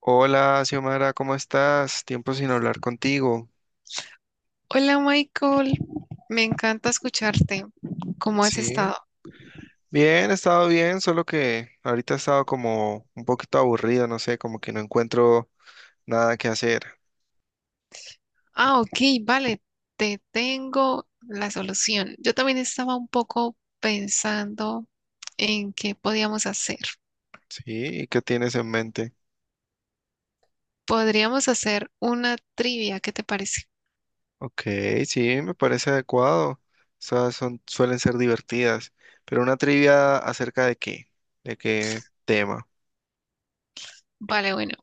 Hola, Xiomara, ¿cómo estás? Tiempo sin hablar contigo. Hola Michael, me encanta escucharte. ¿Cómo has Sí, estado? bien, he estado bien, solo que ahorita he estado como un poquito aburrido, no sé, como que no encuentro nada que hacer. Ah, ok, vale, te tengo la solución. Yo también estaba un poco pensando en qué podíamos hacer. Sí, ¿y qué tienes en mente? Podríamos hacer una trivia, ¿qué te parece? Ok, sí, me parece adecuado. Esas son, suelen ser divertidas, pero una trivia acerca de qué tema. Vale, bueno,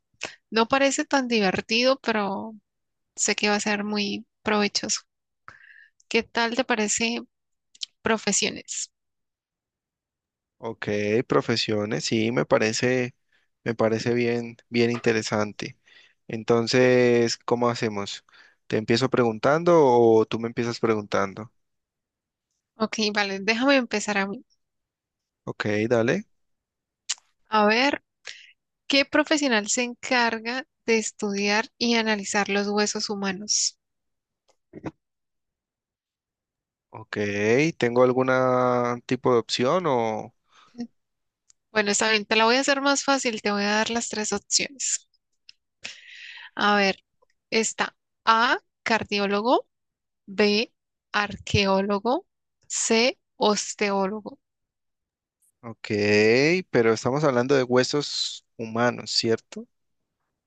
no parece tan divertido, pero sé que va a ser muy provechoso. ¿Qué tal te parece profesiones? Ok, profesiones, sí, me parece bien, bien interesante. Entonces, ¿cómo hacemos? ¿Te empiezo preguntando o tú me empiezas preguntando? Ok, vale, déjame empezar a mí. Ok, dale. A ver. ¿Qué profesional se encarga de estudiar y analizar los huesos humanos? Ok, ¿tengo algún tipo de opción o...? Bueno, está bien, te la voy a hacer más fácil, te voy a dar las tres opciones. A ver, está A, cardiólogo, B, arqueólogo, C, osteólogo. Ok, pero estamos hablando de huesos humanos, ¿cierto?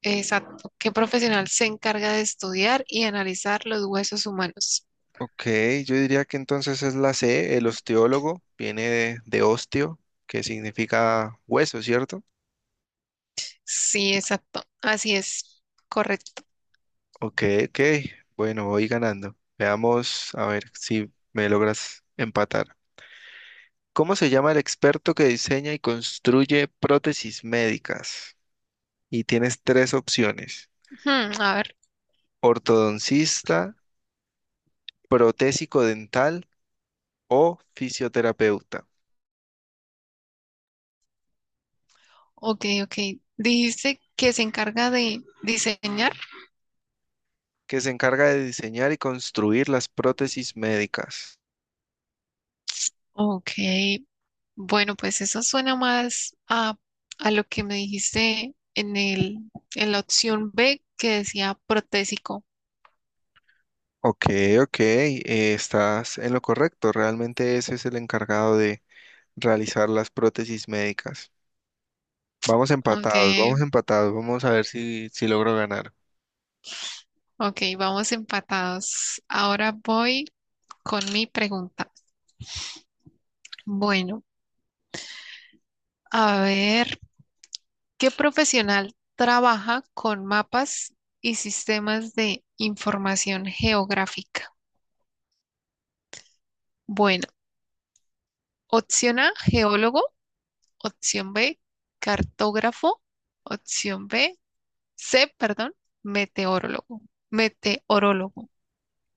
Exacto. ¿Qué profesional se encarga de estudiar y analizar los huesos humanos? Ok, yo diría que entonces es la C, el osteólogo, viene de osteo, que significa hueso, ¿cierto? Sí, exacto. Así es. Correcto. Ok, ok, bueno, voy ganando. Veamos, a ver si me logras empatar. ¿Cómo se llama el experto que diseña y construye prótesis médicas? Y tienes tres opciones: Hmm, a ver. ortodoncista, protésico dental o fisioterapeuta, Ok, ok. Dijiste que se encarga de diseñar. que se encarga de diseñar y construir las prótesis médicas. Ok, bueno, pues eso suena más a lo que me dijiste en en la opción B que decía protésico. Ok, ok, estás en lo correcto. Realmente ese es el encargado de realizar las prótesis médicas. Vamos empatados, Aunque, vamos empatados. Vamos a ver si logro ganar. ok, vamos empatados. Ahora voy con mi pregunta. Bueno, a ver, ¿qué profesional trabaja con mapas y sistemas de información geográfica? Bueno, opción A, geólogo, opción B, cartógrafo. Opción B, sé, perdón, meteorólogo. Meteorólogo.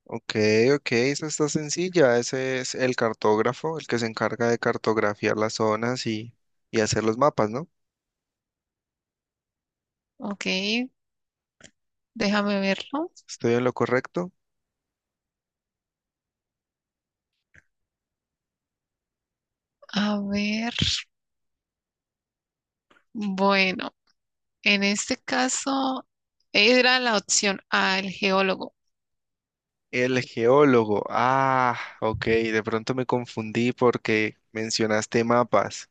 Ok, ok, esa está sencilla. Ese es el cartógrafo, el que se encarga de cartografiar las zonas y hacer los mapas, ¿no? Ok, déjame verlo. ¿Estoy en lo correcto? A ver, bueno, en este caso era la opción A, el geólogo. El geólogo. Ah, ok, de pronto me confundí porque mencionaste mapas.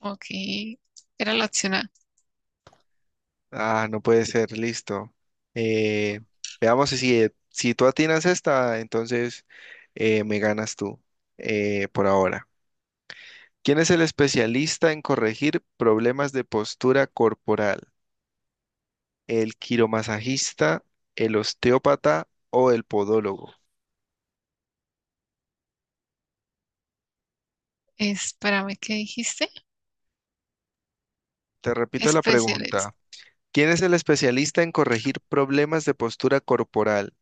Ok, era la opción A. Ah, no puede ser, listo. Eh, Veamos si tú atinas esta, entonces me ganas tú por ahora. ¿Quién es el especialista en corregir problemas de postura corporal? El quiromasajista, el osteópata o el podólogo. Espérame, ¿qué dijiste? Te repito la pregunta. Especialista. ¿Quién es el especialista en corregir problemas de postura corporal?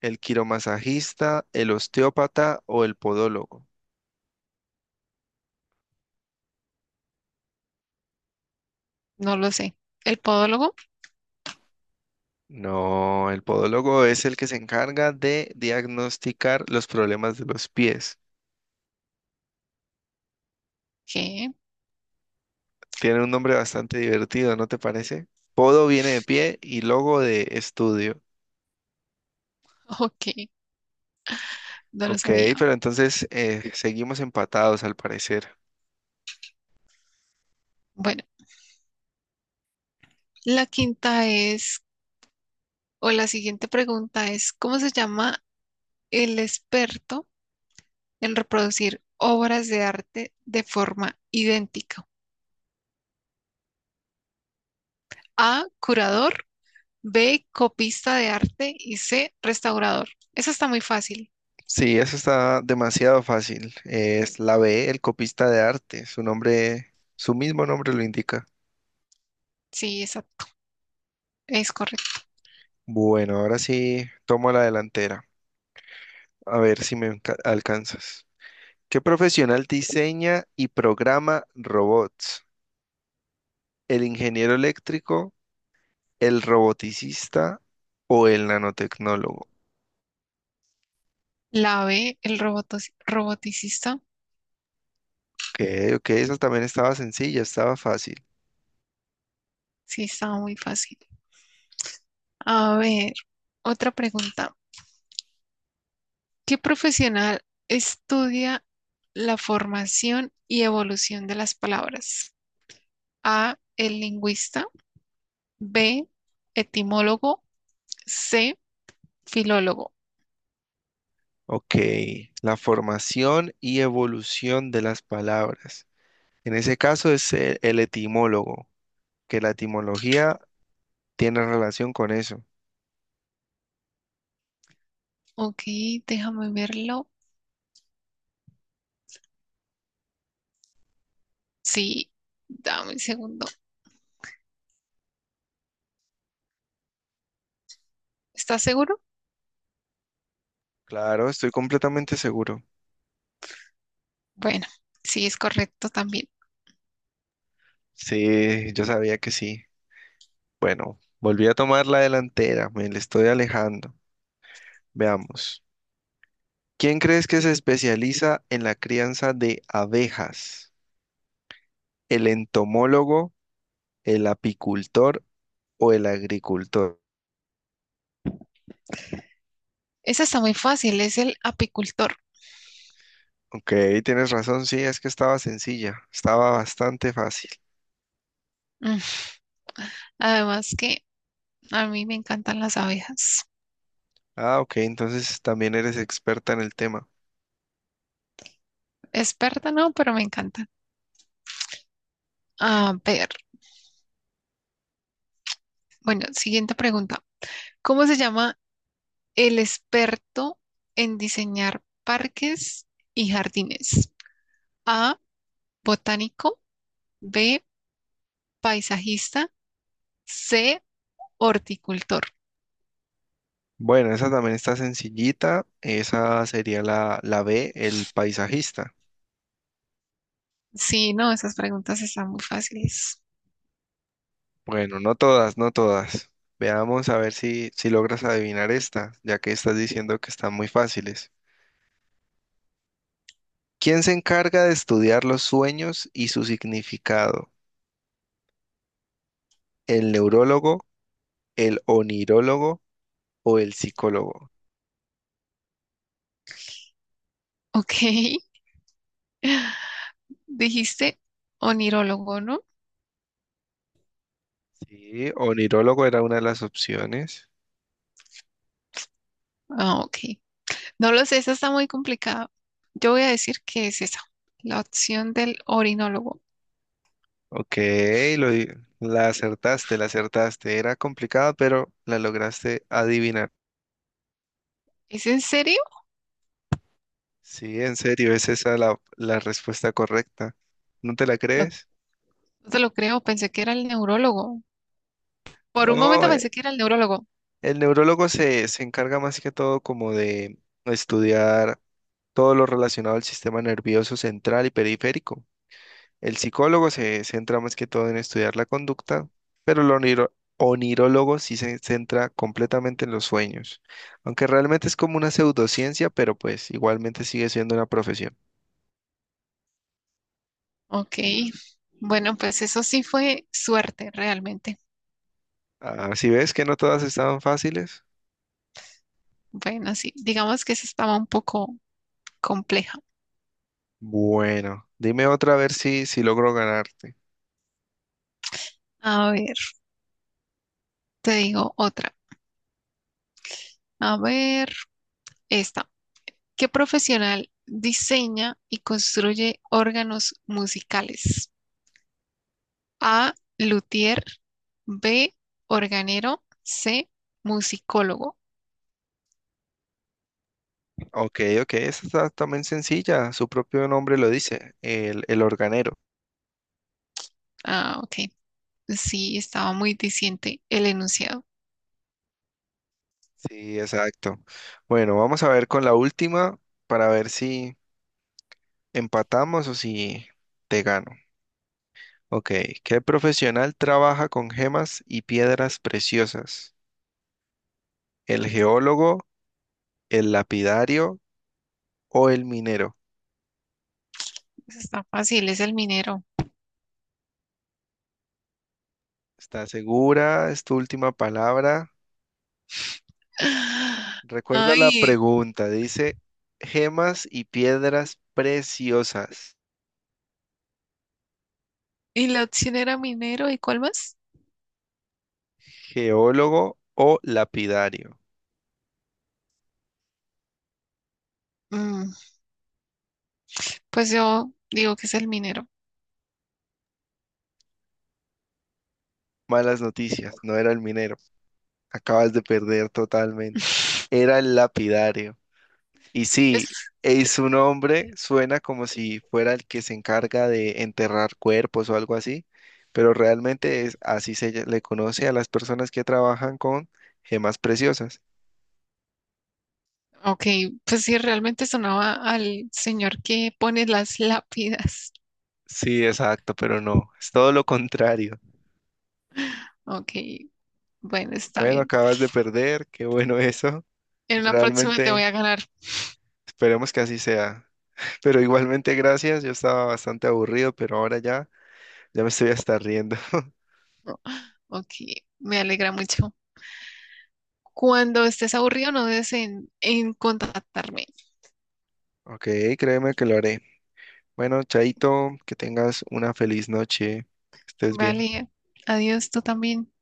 ¿El quiromasajista, el osteópata o el podólogo? No lo sé. ¿El podólogo? No, el podólogo es el que se encarga de diagnosticar los problemas de los pies. ¿Qué? Tiene un nombre bastante divertido, ¿no te parece? Podo viene de pie y logo de estudio. Ok, no lo Ok, sabía. pero entonces seguimos empatados al parecer. Bueno, la quinta es, o la siguiente pregunta es, ¿cómo se llama el experto? El reproducir obras de arte de forma idéntica. A, curador, B, copista de arte y C, restaurador. Eso está muy fácil. Sí, eso está demasiado fácil. Es la B, el copista de arte. Su nombre, su mismo nombre lo indica. Sí, esa es correcto. Bueno, ahora sí tomo la delantera. A ver si alcanzas. ¿Qué profesional diseña y programa robots? ¿El ingeniero eléctrico, el roboticista o el nanotecnólogo? La B, el robotos- roboticista. Ok, ok, esa también estaba sencilla, estaba fácil. Sí, está muy fácil. A ver, otra pregunta. ¿Qué profesional estudia la formación y evolución de las palabras? A, el lingüista, B, etimólogo, C, filólogo. Ok, la formación y evolución de las palabras. En ese caso es el etimólogo, que la etimología tiene relación con eso. Ok, déjame verlo. Sí, dame un segundo. ¿Estás seguro? Claro, estoy completamente seguro. Bueno, sí, es correcto también. Sí, yo sabía que sí. Bueno, volví a tomar la delantera, me le estoy alejando. Veamos. ¿Quién crees que se especializa en la crianza de abejas? ¿El entomólogo, el apicultor o el agricultor? Esa está muy fácil, es el apicultor. Ok, tienes razón, sí, es que estaba sencilla, estaba bastante fácil. Mm, además que a mí me encantan las abejas. Ah, ok, entonces también eres experta en el tema. Experta no, pero me encantan. A ver, bueno, siguiente pregunta. ¿Cómo se llama el experto en diseñar parques y jardines? A, botánico, B, paisajista, C, horticultor. Bueno, esa también está sencillita. Esa sería la B, el paisajista. Sí, no, esas preguntas están muy fáciles. Bueno, no todas, no todas. Veamos a ver si logras adivinar esta, ya que estás diciendo que están muy fáciles. ¿Quién se encarga de estudiar los sueños y su significado? ¿El neurólogo, el onirólogo o el psicólogo? Ok, dijiste onirólogo, ¿no? Sí, onirólogo era una de las opciones. Ah, ok. No lo sé, esa está muy complicada. Yo voy a decir que es esa, la opción del orinólogo. Ok, lo, di- la acertaste, la acertaste. Era complicada, pero la lograste adivinar. ¿Es en serio? Sí, en serio, es esa la respuesta correcta. ¿No te la No, crees? no te lo creo, pensé que era el neurólogo. Por un No, momento pensé que era el neurólogo. el neurólogo se encarga más que todo como de estudiar todo lo relacionado al sistema nervioso central y periférico. El psicólogo se centra más que todo en estudiar la conducta, pero el onirólogo sí se centra completamente en los sueños, aunque realmente es como una pseudociencia, pero pues igualmente sigue siendo una profesión. Ok, bueno, pues eso sí fue suerte realmente. Así ves que no todas estaban fáciles. Bueno, sí, digamos que esa estaba un poco compleja. Bueno, dime otra a ver si logro ganarte. A ver, te digo otra. A ver, esta. ¿Qué profesional diseña y construye órganos musicales? A, luthier, B, organero, C, musicólogo. Ok, ok, esa está también sencilla, su propio nombre lo dice, el organero. Ah, ok. Sí, estaba muy diciente el enunciado. Sí, exacto. Bueno, vamos a ver con la última para ver si empatamos o si te gano. Ok, ¿qué profesional trabaja con gemas y piedras preciosas? ¿El geólogo, el lapidario o el minero? Está fácil, es el minero. ¿Estás segura? ¿Es tu última palabra? Recuerda la Ay, pregunta, dice gemas y piedras preciosas, y la opción era minero, ¿y cuál más? geólogo o lapidario. Mm, pues yo digo que es el minero. Malas noticias, no era el minero, acabas de perder totalmente. Era el lapidario. Y sí, Es- su nombre suena como si fuera el que se encarga de enterrar cuerpos o algo así, pero realmente es así le conoce a las personas que trabajan con gemas preciosas. ok, pues sí, realmente sonaba al señor que pone las lápidas. Sí, exacto, pero no, es todo lo contrario. Ok, bueno, está Bueno, bien. acabas de perder, qué bueno eso. En la próxima te voy Realmente a ganar. esperemos que así sea. Pero igualmente gracias, yo estaba bastante aburrido, pero ahora ya, ya me estoy hasta riendo. Ok, me alegra mucho. Cuando estés aburrido, no dudes en contactarme. Ok, créeme que lo haré. Bueno, Chaito, que tengas una feliz noche. Estés bien. Vale, adiós, tú también.